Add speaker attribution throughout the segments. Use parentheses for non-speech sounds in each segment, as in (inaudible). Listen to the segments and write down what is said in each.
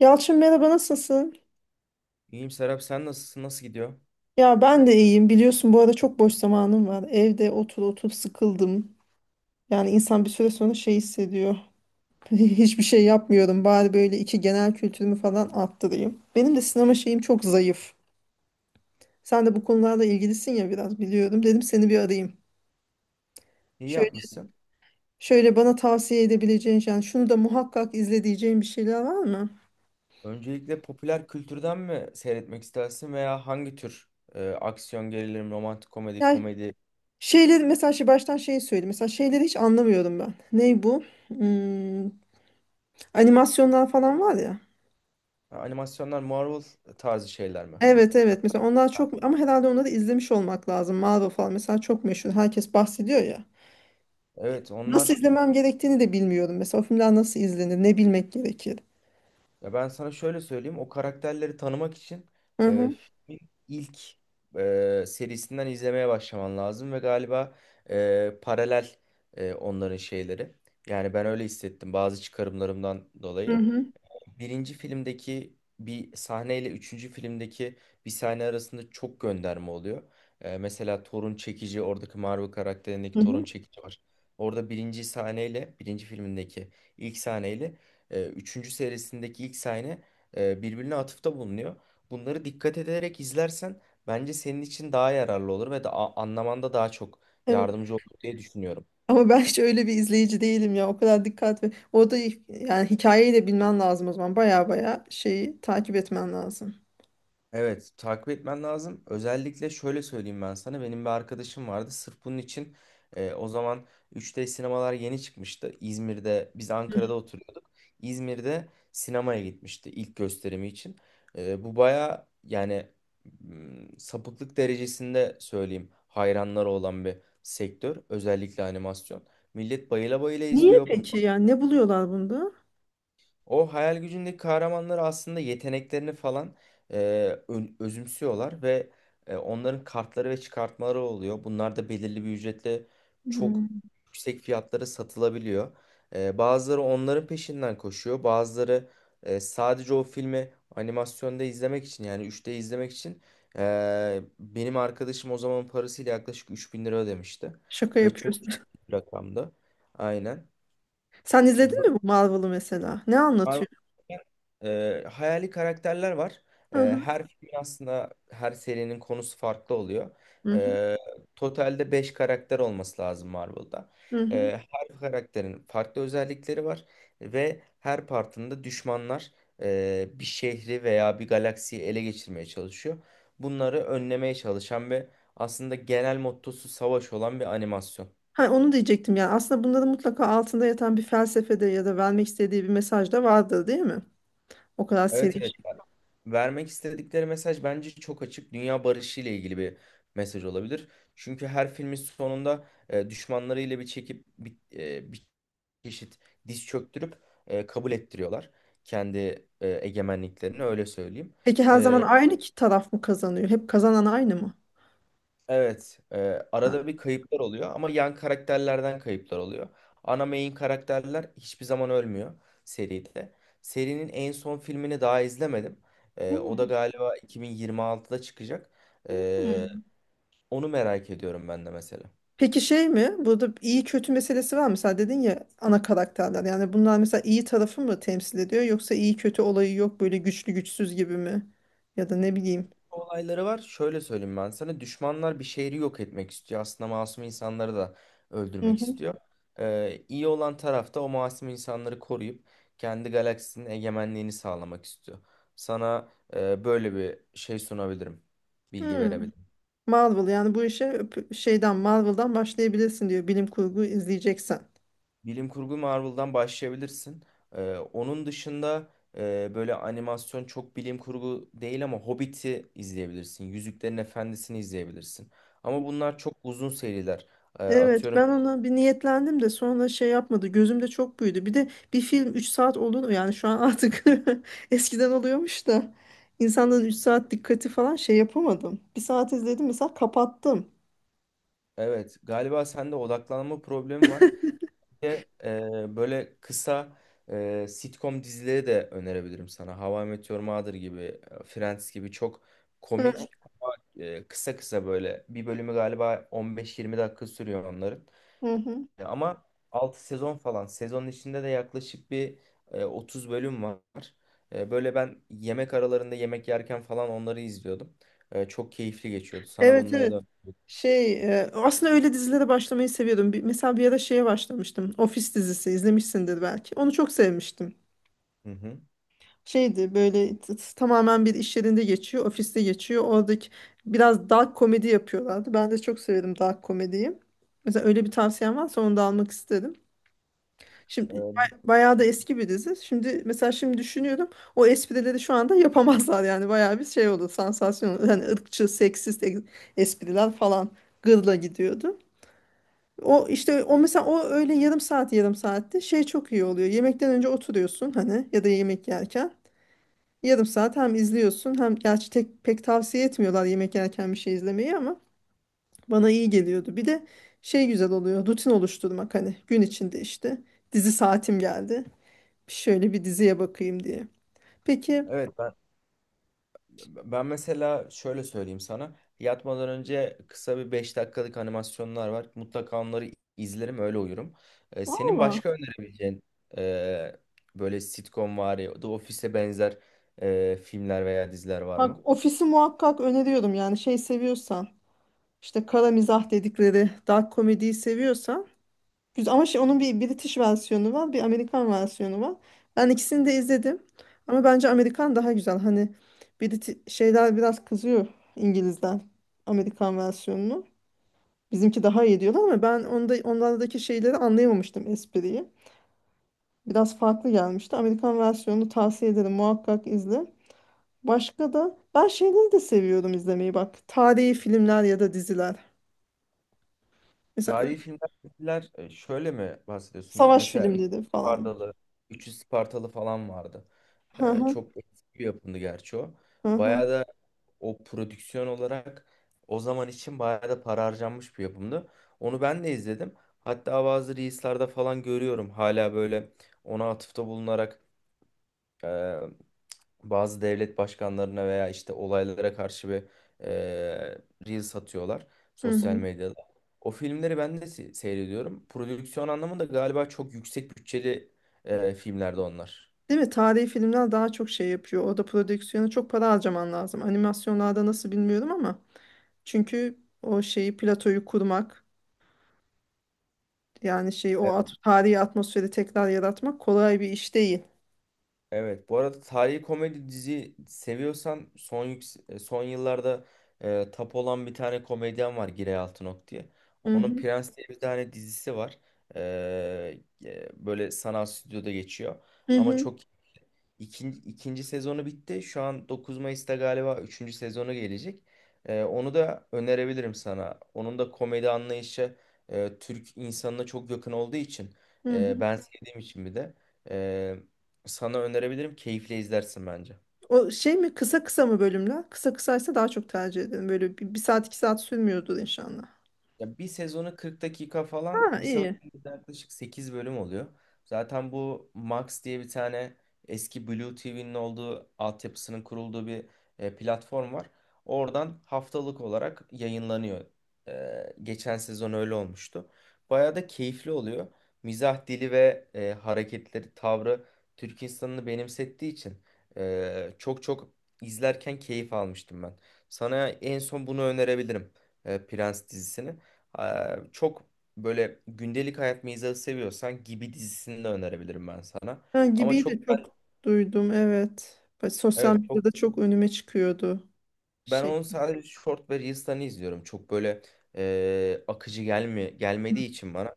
Speaker 1: Yalçın, merhaba, nasılsın?
Speaker 2: İyiyim Serap, sen nasılsın? Nasıl gidiyor?
Speaker 1: Ya ben de iyiyim. Biliyorsun, bu arada çok boş zamanım var. Evde otur sıkıldım. Yani insan bir süre sonra şey hissediyor. (laughs) Hiçbir şey yapmıyorum. Bari böyle iki genel kültürümü falan arttırayım. Benim de sinema şeyim çok zayıf. Sen de bu konularla ilgilisin ya, biraz biliyorum. Dedim, seni bir arayayım.
Speaker 2: İyi
Speaker 1: Şöyle
Speaker 2: yapmışsın.
Speaker 1: şöyle bana tavsiye edebileceğin, yani şunu da muhakkak izle diyeceğin bir şeyler var mı?
Speaker 2: Öncelikle popüler kültürden mi seyretmek istersin veya hangi tür, aksiyon, gerilim, romantik komedi,
Speaker 1: Yani
Speaker 2: komedi,
Speaker 1: şeyleri mesela şey, baştan şeyi söyleyeyim. Mesela şeyleri hiç anlamıyorum ben. Ney bu? Hmm, Animasyonlar falan var ya.
Speaker 2: ha, animasyonlar, Marvel tarzı şeyler mi?
Speaker 1: Evet
Speaker 2: Ha,
Speaker 1: evet mesela onlar çok ama herhalde onları izlemiş olmak lazım. Marvel falan mesela çok meşhur. Herkes bahsediyor ya.
Speaker 2: evet
Speaker 1: Nasıl
Speaker 2: onlar.
Speaker 1: izlemem gerektiğini de bilmiyorum. Mesela o filmler nasıl izlenir? Ne bilmek gerekir?
Speaker 2: Ya ben sana şöyle söyleyeyim, o karakterleri tanımak için
Speaker 1: Hı hı.
Speaker 2: filmin ilk serisinden izlemeye başlaman lazım ve galiba paralel onların şeyleri. Yani ben öyle hissettim bazı çıkarımlarımdan
Speaker 1: Hı
Speaker 2: dolayı.
Speaker 1: hı.
Speaker 2: Birinci filmdeki bir sahneyle üçüncü filmdeki bir sahne arasında çok gönderme oluyor. Mesela Thor'un çekici, oradaki Marvel
Speaker 1: Hı
Speaker 2: karakterindeki Thor'un
Speaker 1: hı.
Speaker 2: çekici var. Orada birinci sahneyle birinci filmindeki ilk sahneyle üçüncü serisindeki ilk sahne birbirine atıfta bulunuyor. Bunları dikkat ederek izlersen bence senin için daha yararlı olur ve da anlamanda daha çok
Speaker 1: Hem-
Speaker 2: yardımcı olur diye düşünüyorum.
Speaker 1: Ama ben hiç öyle bir izleyici değilim ya. O kadar dikkat ve orada yani hikayeyi de bilmen lazım o zaman. Baya baya şeyi takip etmen lazım.
Speaker 2: Evet, takip etmen lazım. Özellikle şöyle söyleyeyim ben sana. Benim bir arkadaşım vardı. Sırf bunun için o zaman 3D sinemalar yeni çıkmıştı. İzmir'de, biz
Speaker 1: Hı.
Speaker 2: Ankara'da oturuyorduk. İzmir'de sinemaya gitmişti ilk gösterimi için. Bu baya, yani sapıklık derecesinde söyleyeyim, hayranları olan bir sektör. Özellikle animasyon. Millet bayıla bayıla
Speaker 1: Niye
Speaker 2: izliyor.
Speaker 1: peki, yani ne buluyorlar bunda?
Speaker 2: O hayal gücündeki kahramanlar aslında yeteneklerini falan e, özümsüyorlar ve onların kartları ve çıkartmaları oluyor. Bunlar da belirli bir ücretle çok
Speaker 1: Hmm,
Speaker 2: yüksek fiyatlara satılabiliyor. Bazıları onların peşinden koşuyor. Bazıları sadece o filmi animasyonda izlemek için, yani 3D izlemek için benim arkadaşım o zamanın parasıyla yaklaşık 3000 lira ödemişti.
Speaker 1: Şaka
Speaker 2: Ve çok
Speaker 1: yapıyorsun.
Speaker 2: ciddi
Speaker 1: (laughs)
Speaker 2: bir rakamdı. Aynen.
Speaker 1: Sen izledin mi bu Marvel'ı mesela? Ne anlatıyor?
Speaker 2: Marvel, hayali karakterler var.
Speaker 1: Hı hı.
Speaker 2: Her filmin aslında her serinin konusu farklı oluyor.
Speaker 1: Hı hı.
Speaker 2: E, Totalde 5 karakter olması lazım Marvel'da.
Speaker 1: Hı hı.
Speaker 2: Her karakterin farklı özellikleri var ve her partında düşmanlar bir şehri veya bir galaksiyi ele geçirmeye çalışıyor. Bunları önlemeye çalışan ve aslında genel mottosu savaş olan bir animasyon.
Speaker 1: Ha, onu diyecektim, yani aslında bunda da mutlaka altında yatan bir felsefede ya da vermek istediği bir mesaj da vardır değil mi? O kadar
Speaker 2: Evet,
Speaker 1: seri.
Speaker 2: evet.
Speaker 1: Şey.
Speaker 2: Vermek istedikleri mesaj bence çok açık. Dünya barışı ile ilgili bir mesaj olabilir. Çünkü her filmin sonunda düşmanlarıyla bir çekip bir çeşit diz çöktürüp kabul ettiriyorlar kendi egemenliklerini, öyle söyleyeyim.
Speaker 1: Peki her zaman
Speaker 2: E,
Speaker 1: aynı ki taraf mı kazanıyor? Hep kazanan aynı mı?
Speaker 2: Evet,
Speaker 1: Ha.
Speaker 2: arada bir kayıplar oluyor ama yan karakterlerden kayıplar oluyor. Ana main karakterler hiçbir zaman ölmüyor seride. Serinin en son filmini daha izlemedim.
Speaker 1: Hı.
Speaker 2: O da galiba 2026'da çıkacak. E, Onu merak ediyorum ben de mesela.
Speaker 1: Peki şey mi? Burada iyi kötü meselesi var mı? Sen dedin ya, ana karakterler. Yani bunlar mesela iyi tarafı mı temsil ediyor, yoksa iyi kötü olayı yok, böyle güçlü güçsüz gibi mi? Ya da ne bileyim.
Speaker 2: Olayları var. Şöyle söyleyeyim ben sana. Düşmanlar bir şehri yok etmek istiyor. Aslında masum insanları da
Speaker 1: Hı
Speaker 2: öldürmek
Speaker 1: hı.
Speaker 2: istiyor. İyi olan taraf da o masum insanları koruyup kendi galaksinin egemenliğini sağlamak istiyor. Sana böyle bir şey sunabilirim. Bilgi
Speaker 1: Hmm.
Speaker 2: verebilirim.
Speaker 1: Marvel, yani bu işe şeyden, Marvel'dan başlayabilirsin diyor, bilim kurgu izleyeceksen.
Speaker 2: Bilim kurgu Marvel'dan başlayabilirsin. Onun dışında böyle animasyon çok bilim kurgu değil ama Hobbit'i izleyebilirsin. Yüzüklerin Efendisi'ni izleyebilirsin. Ama bunlar çok uzun seriler.
Speaker 1: Evet,
Speaker 2: Atıyorum.
Speaker 1: ben ona bir niyetlendim de sonra şey yapmadı, gözümde çok büyüdü. Bir de bir film 3 saat olur mu yani şu an artık (laughs) eskiden oluyormuş da insanların 3 saat dikkati falan şey yapamadım, bir saat izledim mesela, kapattım.
Speaker 2: Evet, galiba sende odaklanma problemi var. Bir de, böyle kısa sitcom dizileri de önerebilirim sana. How I Met Your Mother gibi, Friends gibi çok
Speaker 1: Hı,
Speaker 2: komik, kısa kısa böyle. Bir bölümü galiba 15-20 dakika sürüyor onların.
Speaker 1: hı hı.
Speaker 2: Ama 6 sezon falan. Sezonun içinde de yaklaşık bir 30 bölüm var. Böyle ben yemek aralarında yemek yerken falan onları izliyordum. Çok keyifli geçiyordu. Sana
Speaker 1: Evet,
Speaker 2: bunları da...
Speaker 1: evet, şey, aslında öyle dizilere başlamayı seviyordum. Mesela bir ara şeye başlamıştım, Office dizisi, izlemişsindir belki, onu çok sevmiştim.
Speaker 2: Hı hı.
Speaker 1: Şeydi böyle tamamen bir iş yerinde geçiyor, ofiste geçiyor. Oradaki biraz dark komedi yapıyorlardı. Ben de çok severim dark komediyi. Mesela öyle bir tavsiyen varsa onu da almak isterim. Şimdi
Speaker 2: E,
Speaker 1: bayağı da eski bir dizi. Şimdi mesela, şimdi düşünüyorum, o esprileri şu anda yapamazlar, yani bayağı bir şey olur, sansasyon olur. Hani ırkçı, seksist espriler falan gırla gidiyordu. O işte, o mesela o öyle yarım saat, yarım saatte şey çok iyi oluyor. Yemekten önce oturuyorsun hani, ya da yemek yerken. Yarım saat hem izliyorsun, hem gerçi tek, pek tavsiye etmiyorlar yemek yerken bir şey izlemeyi ama bana iyi geliyordu. Bir de şey güzel oluyor, rutin oluşturmak, hani gün içinde işte dizi saatim geldi, şöyle bir diziye bakayım diye. Peki.
Speaker 2: evet. Ben mesela şöyle söyleyeyim sana. Yatmadan önce kısa bir 5 dakikalık animasyonlar var. Mutlaka onları izlerim, öyle uyurum. Senin
Speaker 1: Valla,
Speaker 2: başka önerebileceğin e, böyle sitcom var ya, The Office'e benzer filmler veya diziler var
Speaker 1: bak,
Speaker 2: mı?
Speaker 1: ofisi muhakkak öneriyorum, yani şey seviyorsan, işte kara mizah dedikleri dark komediyi seviyorsan. Güzel. Ama şey, onun bir British versiyonu var, bir Amerikan versiyonu var. Ben ikisini de izledim. Ama bence Amerikan daha güzel. Hani Briti şeyler biraz kızıyor, İngiliz'den Amerikan versiyonunu. Bizimki daha iyi diyorlar ama ben onda onlardaki şeyleri anlayamamıştım, espriyi. Biraz farklı gelmişti. Amerikan versiyonunu tavsiye ederim. Muhakkak izle. Başka da ben şeyleri de seviyorum izlemeyi, bak. Tarihi filmler ya da diziler. Mesela öyle
Speaker 2: Tarihi filmler filmler, şöyle mi bahsediyorsun da?
Speaker 1: savaş
Speaker 2: Mesela Üç yüz
Speaker 1: filmleri falan.
Speaker 2: Spartalı, Üçü Spartalı falan vardı.
Speaker 1: Hı hı,
Speaker 2: Çok eski bir yapımdı gerçi o.
Speaker 1: hı hı.
Speaker 2: Bayağı da o prodüksiyon olarak o zaman için bayağı da para harcanmış bir yapımdı. Onu ben de izledim. Hatta bazı reels'larda falan görüyorum. Hala böyle ona atıfta bulunarak e, bazı devlet başkanlarına veya işte olaylara karşı bir eee reel satıyorlar
Speaker 1: Hı
Speaker 2: sosyal
Speaker 1: hı.
Speaker 2: medyada. O filmleri ben de seyrediyorum. Prodüksiyon anlamında galiba çok yüksek bütçeli filmlerde onlar.
Speaker 1: Değil mi? Tarihi filmler daha çok şey yapıyor. Orada prodüksiyona çok para harcaman lazım. Animasyonlarda nasıl bilmiyorum ama. Çünkü o şeyi, platoyu kurmak, yani şeyi, o
Speaker 2: Evet,
Speaker 1: at tarihi atmosferi tekrar yaratmak kolay bir iş değil.
Speaker 2: evet. Bu arada tarihi komedi dizi seviyorsan son yıllarda tap olan bir tane komedyen var, Giray Altınok diye.
Speaker 1: Hı
Speaker 2: Onun
Speaker 1: hı.
Speaker 2: Prens diye bir tane dizisi var. Böyle sanal stüdyoda geçiyor.
Speaker 1: Hı
Speaker 2: Ama
Speaker 1: hı.
Speaker 2: çok. İkinci sezonu bitti. Şu an 9 Mayıs'ta galiba üçüncü sezonu gelecek. Onu da önerebilirim sana. Onun da komedi anlayışı Türk insanına çok yakın olduğu için,
Speaker 1: Hı hı.
Speaker 2: ben sevdiğim için bir de e, sana önerebilirim. Keyifle izlersin bence.
Speaker 1: O şey mi, kısa kısa mı bölümler? Kısa kısaysa daha çok tercih ederim. Böyle bir, bir saat iki saat sürmüyordur inşallah.
Speaker 2: Ya bir sezonu 40 dakika falan,
Speaker 1: Ha,
Speaker 2: bir sezonda
Speaker 1: iyi.
Speaker 2: yaklaşık 8 bölüm oluyor. Zaten bu Max diye bir tane, eski Blue TV'nin olduğu altyapısının kurulduğu bir platform var. Oradan haftalık olarak yayınlanıyor. Geçen sezon öyle olmuştu. Bayağı da keyifli oluyor. Mizah dili ve hareketleri, tavrı Türk insanını benimsettiği için çok çok izlerken keyif almıştım ben. Sana en son bunu önerebilirim, Prens dizisini. Çok böyle gündelik hayat mizahı seviyorsan, Gibi dizisini de önerebilirim ben sana.
Speaker 1: Ha,
Speaker 2: Ama
Speaker 1: gibi
Speaker 2: çok
Speaker 1: de çok
Speaker 2: ben,
Speaker 1: duydum, evet. Bak, sosyal
Speaker 2: evet, çok
Speaker 1: medyada çok önüme çıkıyordu
Speaker 2: ben
Speaker 1: şey.
Speaker 2: onu sadece short ve reels'ten izliyorum. Çok böyle akıcı gelmediği için bana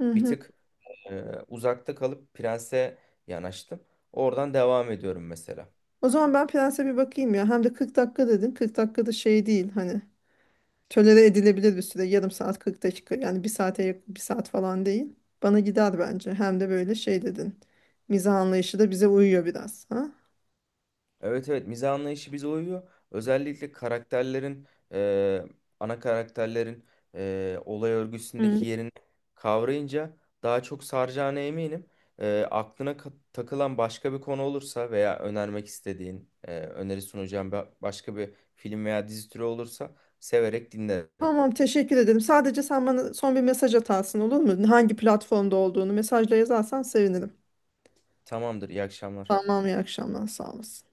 Speaker 1: Hı
Speaker 2: bir
Speaker 1: hı.
Speaker 2: tık uzakta kalıp Prens'e yanaştım. Oradan devam ediyorum mesela.
Speaker 1: O zaman ben Prens'e bir bakayım ya. Hem de 40 dakika dedin. 40 dakikada şey değil hani. Tolere edilebilir bir süre. Yarım saat, 40 dakika. Yani bir saate yakın, bir saat falan değil. Bana gider bence. Hem de böyle şey dedin, mizah anlayışı da bize uyuyor biraz. Ha?
Speaker 2: Evet, evet, mizah anlayışı bize uyuyor. Özellikle karakterlerin e, ana karakterlerin olay
Speaker 1: Hı.
Speaker 2: örgüsündeki yerini kavrayınca daha çok saracağına eminim. Aklına takılan başka bir konu olursa veya önermek istediğin öneri sunacağım başka bir film veya dizi türü olursa severek dinlerim.
Speaker 1: Tamam, teşekkür ederim. Sadece sen bana son bir mesaj atarsın, olur mu? Hangi platformda olduğunu mesajla yazarsan sevinirim.
Speaker 2: Tamamdır, iyi akşamlar.
Speaker 1: Tamam, iyi akşamlar, sağ olasın.